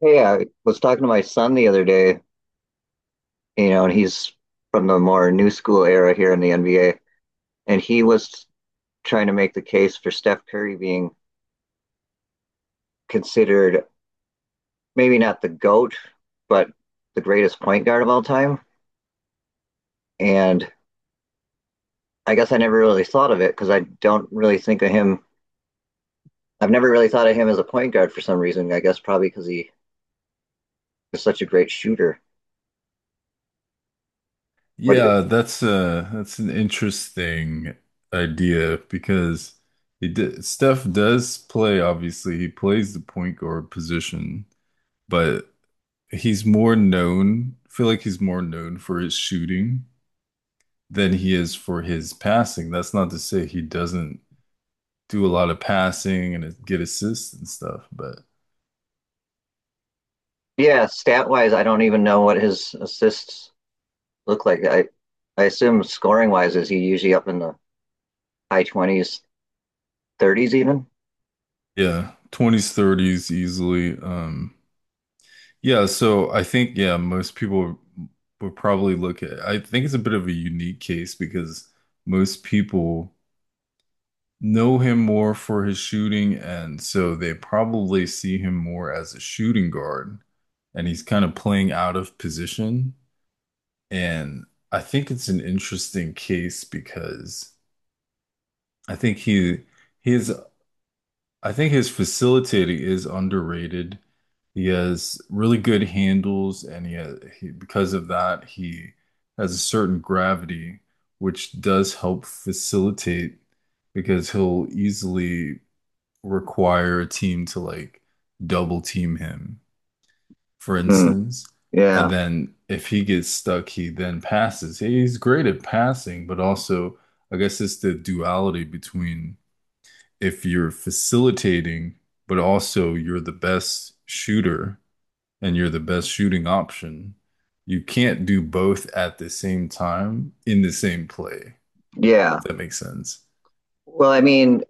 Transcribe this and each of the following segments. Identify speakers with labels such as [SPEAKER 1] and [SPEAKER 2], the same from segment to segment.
[SPEAKER 1] Hey, I was talking to my son the other day, you know, and he's from the more new school era here in the NBA, and he was trying to make the case for Steph Curry being considered maybe not the GOAT, but the greatest point guard of all time. And I guess I never really thought of it because I don't really think of him. I've never really thought of him as a point guard for some reason. I guess probably because he is such a great shooter. What?
[SPEAKER 2] Yeah, that's an interesting idea because Steph does play, obviously, he plays the point guard position, but he's more known, I feel like he's more known for his shooting than he is for his passing. That's not to say he doesn't do a lot of passing and get assists and stuff, but
[SPEAKER 1] Yeah, stat wise, I don't even know what his assists look like. I assume scoring wise, is he usually up in the high 20s, 30s even?
[SPEAKER 2] yeah, 20s, 30s easily. Yeah, so I think yeah, most people would probably look at . I think it's a bit of a unique case because most people know him more for his shooting, and so they probably see him more as a shooting guard and he's kind of playing out of position. And I think it's an interesting case because I think he his I think his facilitating is underrated. He has really good handles, and he, has, he because of that, he has a certain gravity, which does help facilitate because he'll easily require a team to like double team him, for
[SPEAKER 1] Hmm.
[SPEAKER 2] instance. And
[SPEAKER 1] Yeah.
[SPEAKER 2] then if he gets stuck, he then passes. He's great at passing, but also, I guess it's the duality between if you're facilitating, but also you're the best shooter and you're the best shooting option, you can't do both at the same time in the same play.
[SPEAKER 1] Yeah.
[SPEAKER 2] If that makes sense.
[SPEAKER 1] Well, I mean,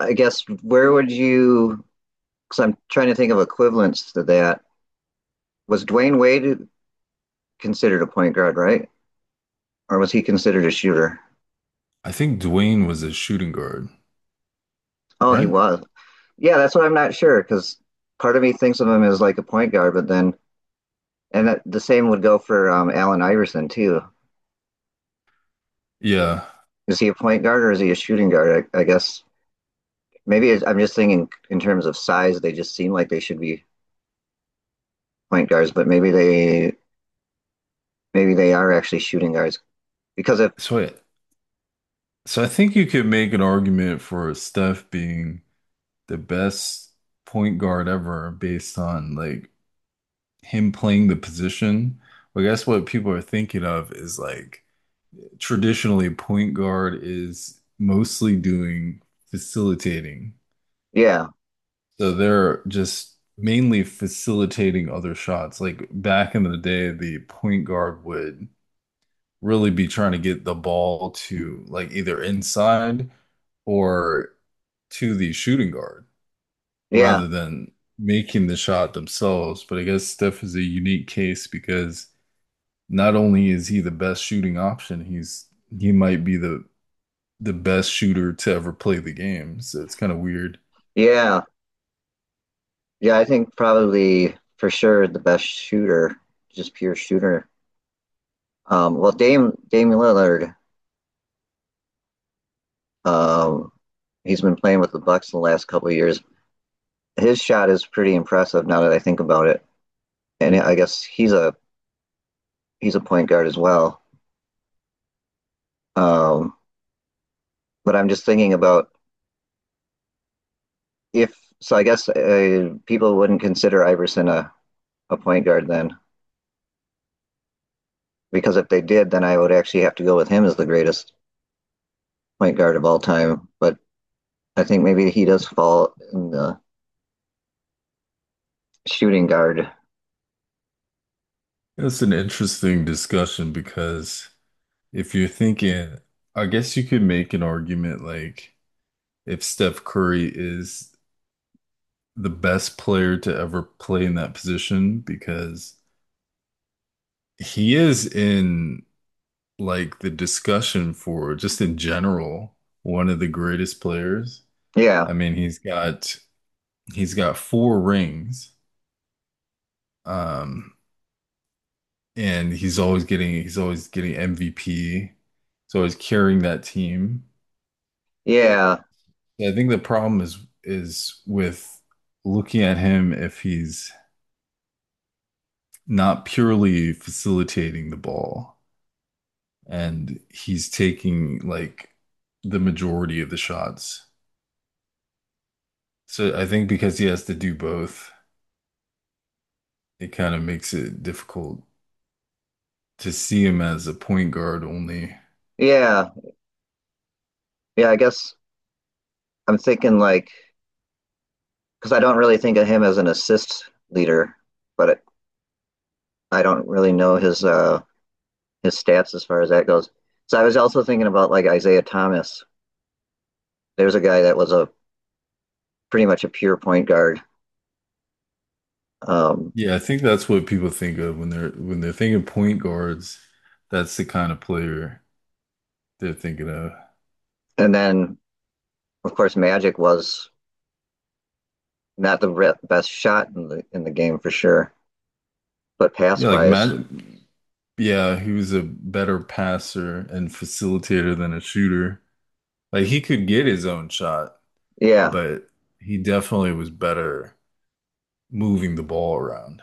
[SPEAKER 1] I guess where would you, because I'm trying to think of equivalents to that. Was Dwayne Wade considered a point guard, right? Or was he considered a shooter?
[SPEAKER 2] I think Dwayne was a shooting guard,
[SPEAKER 1] Oh, he
[SPEAKER 2] right?
[SPEAKER 1] was. Yeah, that's what I'm not sure because part of me thinks of him as like a point guard, but then, and that, the same would go for Allen Iverson too.
[SPEAKER 2] Yeah.
[SPEAKER 1] Is he a point guard or is he a shooting guard? I guess maybe it's, I'm just thinking in terms of size, they just seem like they should be point guards, but maybe they are actually shooting guards because if
[SPEAKER 2] So I, so I think you could make an argument for Steph being the best point guard ever based on like him playing the position. But I guess what people are thinking of is like traditionally point guard is mostly doing facilitating.
[SPEAKER 1] yeah,
[SPEAKER 2] So they're just mainly facilitating other shots. Like back in the day, the point guard would really be trying to get the ball to like either inside or to the shooting guard
[SPEAKER 1] yeah,
[SPEAKER 2] rather than making the shot themselves. But I guess Steph is a unique case because not only is he the best shooting option, he might be the best shooter to ever play the game. So it's kind of weird.
[SPEAKER 1] yeah, yeah, I think probably for sure the best shooter, just pure shooter. Well, Dame Lillard, um, he's been playing with the Bucks the last couple of years. His shot is pretty impressive now that I think about it, and I guess he's a point guard as well. Um, but I'm just thinking about if so, I guess people wouldn't consider Iverson a point guard then, because if they did, then I would actually have to go with him as the greatest point guard of all time. But I think maybe he does fall in the shooting guard.
[SPEAKER 2] It's an interesting discussion because if you're thinking, I guess you could make an argument like if Steph Curry is the best player to ever play in that position because he is in like the discussion for just in general one of the greatest players.
[SPEAKER 1] Yeah,
[SPEAKER 2] I mean, he's got four rings. Um, and he's always getting MVP. He's always carrying that team.
[SPEAKER 1] yeah,
[SPEAKER 2] I think the problem is with looking at him if he's not purely facilitating the ball and he's taking like the majority of the shots. So I think because he has to do both, it kind of makes it difficult to see him as a point guard only.
[SPEAKER 1] yeah, yeah. I guess I'm thinking like because I don't really think of him as an assist leader, but it, I don't really know his stats as far as that goes. So I was also thinking about like Isaiah Thomas. There's a guy that was a pretty much a pure point guard. Um,
[SPEAKER 2] Yeah, I think that's what people think of when they're thinking point guards. That's the kind of player they're thinking of.
[SPEAKER 1] And then, of course, Magic was not the best shot in the game for sure, but pass
[SPEAKER 2] Yeah, like
[SPEAKER 1] wise,
[SPEAKER 2] Matt. Yeah, he was a better passer and facilitator than a shooter. Like he could get his own shot,
[SPEAKER 1] yeah.
[SPEAKER 2] but he definitely was better moving the ball around.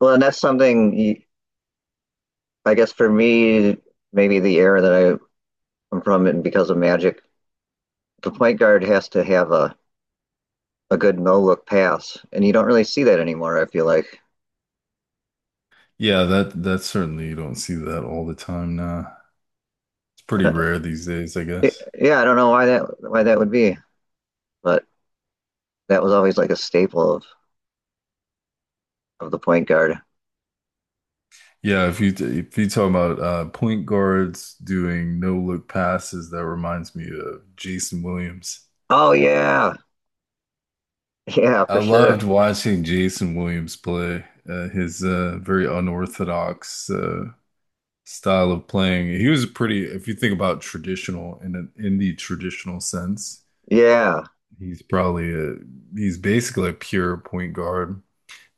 [SPEAKER 1] Well, and that's I guess for me, maybe the era that I am from, and because of Magic, the point guard has to have a good no look pass, and you don't really see that anymore. I feel like,
[SPEAKER 2] Yeah, that certainly you don't see that all the time now. It's pretty
[SPEAKER 1] Uh,
[SPEAKER 2] rare these days, I guess.
[SPEAKER 1] yeah, I don't know why that would be, but that was always like a staple of the point guard.
[SPEAKER 2] Yeah, if you talk about point guards doing no look passes, that reminds me of Jason Williams.
[SPEAKER 1] Oh yeah, yeah,
[SPEAKER 2] I
[SPEAKER 1] for sure,
[SPEAKER 2] loved watching Jason Williams play. His very unorthodox style of playing. He was pretty, if you think about traditional in the traditional sense,
[SPEAKER 1] yeah,
[SPEAKER 2] he's probably a he's basically a pure point guard.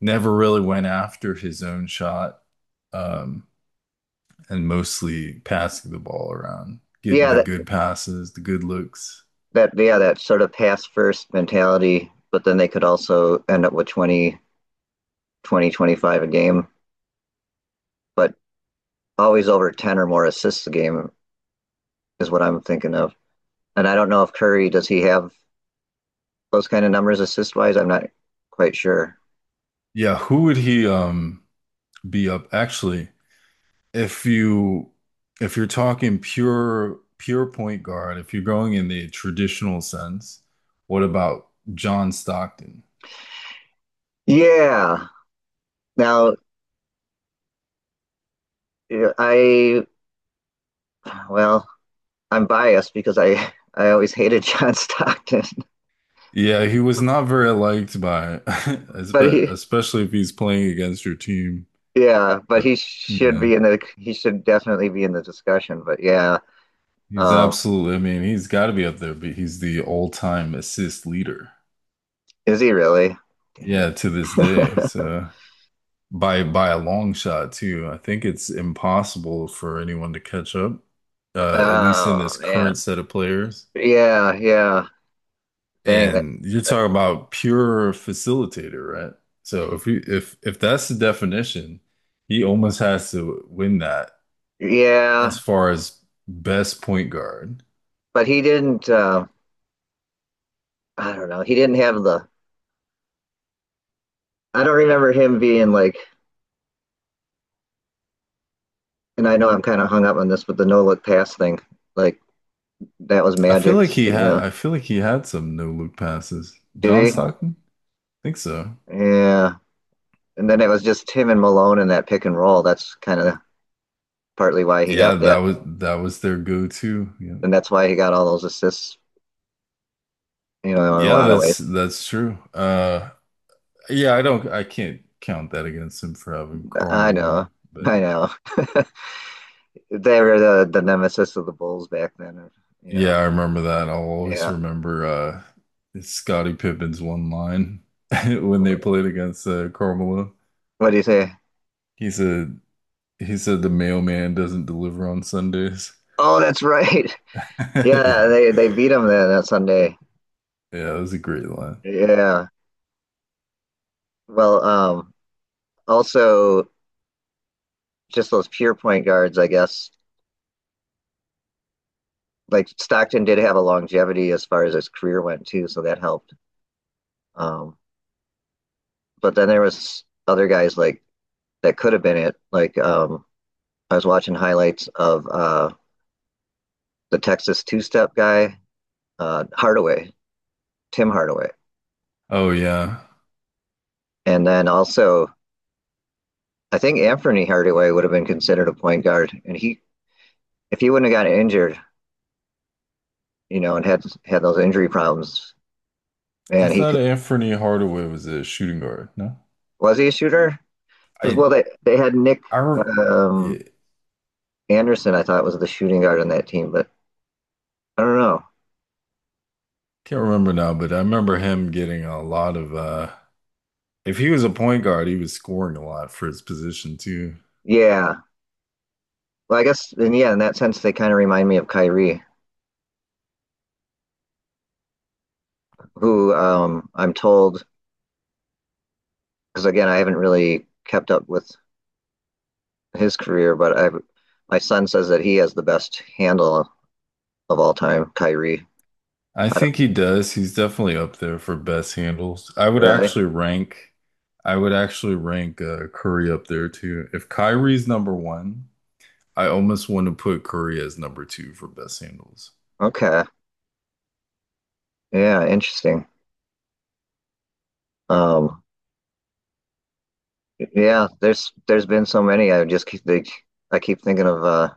[SPEAKER 2] Never really went after his own shot, um, and mostly passing the ball around, getting
[SPEAKER 1] yeah.
[SPEAKER 2] the good passes, the good looks.
[SPEAKER 1] That yeah, that sort of pass first mentality, but then they could also end up with 25 a game, but always over 10 or more assists a game is what I'm thinking of. And I don't know if Curry does he have those kind of numbers assist wise. I'm not quite sure.
[SPEAKER 2] Yeah, who would he be up? Actually, if you if you're talking pure point guard, if you're going in the traditional sense, what about John Stockton?
[SPEAKER 1] Yeah, now I well, I'm biased because I always hated John Stockton,
[SPEAKER 2] Yeah, he was not very liked by,
[SPEAKER 1] but he,
[SPEAKER 2] especially if he's playing against your team.
[SPEAKER 1] yeah, but he
[SPEAKER 2] But
[SPEAKER 1] should
[SPEAKER 2] yeah,
[SPEAKER 1] be in the, he should definitely be in the discussion, but yeah.
[SPEAKER 2] he's
[SPEAKER 1] um
[SPEAKER 2] absolutely. I mean, he's got to be up there, but he's the all-time assist leader.
[SPEAKER 1] Is he really? Dang.
[SPEAKER 2] Yeah, to this day. So. By by a long shot too. I think it's impossible for anyone to catch up, at least in
[SPEAKER 1] Oh
[SPEAKER 2] this current
[SPEAKER 1] man.
[SPEAKER 2] set of players.
[SPEAKER 1] Yeah, yeah. Dang that.
[SPEAKER 2] And you're
[SPEAKER 1] that-
[SPEAKER 2] talking about pure facilitator, right? So if you if that's the definition, he almost has to win that
[SPEAKER 1] Yeah,
[SPEAKER 2] as far as best point guard.
[SPEAKER 1] but he didn't. I don't know. He didn't have the. I don't remember him being like. And I know I'm kind of hung up on this, but the no look pass thing, like that was Magic's. You know,
[SPEAKER 2] I feel like he had some no look passes. John
[SPEAKER 1] did he?
[SPEAKER 2] Stockton? I think so.
[SPEAKER 1] Yeah. And then it was just him and Malone in that pick and roll. That's kind of partly why he
[SPEAKER 2] Yeah,
[SPEAKER 1] got that,
[SPEAKER 2] that was their go-to. Yeah.
[SPEAKER 1] and that's why he got all those assists. You know, in a
[SPEAKER 2] Yeah,
[SPEAKER 1] lot of ways.
[SPEAKER 2] that's true. Yeah, I can't count that against him for having Karl
[SPEAKER 1] I know.
[SPEAKER 2] Malone, but
[SPEAKER 1] I know. They were the nemesis of the Bulls back then. You
[SPEAKER 2] yeah,
[SPEAKER 1] know,
[SPEAKER 2] I remember that. I'll always
[SPEAKER 1] yeah.
[SPEAKER 2] remember Scottie Pippen's one line when they
[SPEAKER 1] What
[SPEAKER 2] played against Karl Malone.
[SPEAKER 1] do you say?
[SPEAKER 2] He said he said the mailman doesn't deliver on Sundays.
[SPEAKER 1] Oh, that's right. Yeah,
[SPEAKER 2] Yeah,
[SPEAKER 1] they beat them then that Sunday.
[SPEAKER 2] yeah, that was a great line.
[SPEAKER 1] Yeah. Well, also just those pure point guards, I guess. Like Stockton did have a longevity as far as his career went too, so that helped. Um, but then there was other guys like that could have been it. Like I was watching highlights of the Texas two-step guy, Hardaway, Tim Hardaway.
[SPEAKER 2] Oh yeah,
[SPEAKER 1] And then also, I think Anthony Hardaway would have been considered a point guard, and he if he wouldn't have gotten injured, you know, and had had those injury problems,
[SPEAKER 2] I
[SPEAKER 1] man, he
[SPEAKER 2] thought
[SPEAKER 1] could
[SPEAKER 2] Anthony Hardaway was a shooting guard. No,
[SPEAKER 1] was he a shooter? Because
[SPEAKER 2] I
[SPEAKER 1] well, they had Nick
[SPEAKER 2] I re yeah,
[SPEAKER 1] um, Anderson, I thought was the shooting guard on that team, but I don't know.
[SPEAKER 2] can't remember now, but I remember him getting a lot of uh. If he was a point guard, he was scoring a lot for his position too.
[SPEAKER 1] Yeah, well, I guess and yeah, in that sense, they kind of remind me of Kyrie, who I'm told because again, I haven't really kept up with his career, but I my son says that he has the best handle of all time, Kyrie.
[SPEAKER 2] I think he does. He's definitely up there for best handles.
[SPEAKER 1] Really?
[SPEAKER 2] I would actually rank Curry up there too. If Kyrie's number one, I almost want to put Curry as number two for best handles.
[SPEAKER 1] Okay. Yeah, interesting. Um, yeah, there's been so many. I just I keep thinking of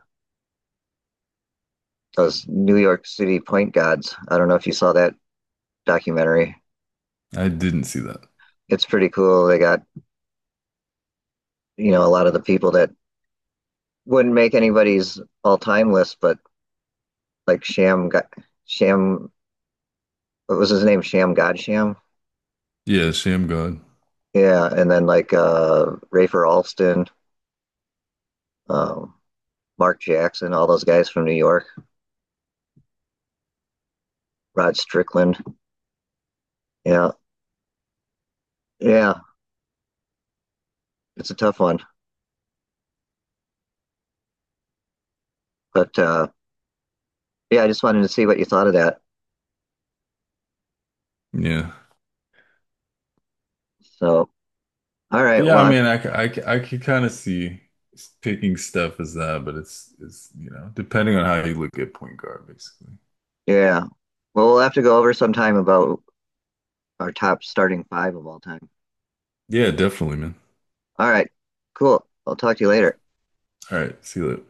[SPEAKER 1] those New York City point gods. I don't know if you saw that documentary.
[SPEAKER 2] I didn't see that.
[SPEAKER 1] It's pretty cool. They got, you know, a lot of the people that wouldn't make anybody's all-time list, but like Sham Ga- Sham what was his name? Sham Godsham.
[SPEAKER 2] Yeah, Sham God.
[SPEAKER 1] Yeah, and then like Rafer Alston, um, Mark Jackson, all those guys from New York, Rod Strickland. Yeah. Yeah, it's a tough one. But yeah, I just wanted to see what you thought of that.
[SPEAKER 2] Yeah,
[SPEAKER 1] So, all right.
[SPEAKER 2] yeah. I mean, I could kind of see picking Steph as that, but it's you know depending on how you look at point guard, basically.
[SPEAKER 1] Yeah. Well, we'll have to go over sometime about our top starting five of all time.
[SPEAKER 2] Yeah, definitely, man.
[SPEAKER 1] All right. Cool. I'll talk to you later.
[SPEAKER 2] All right, see you later.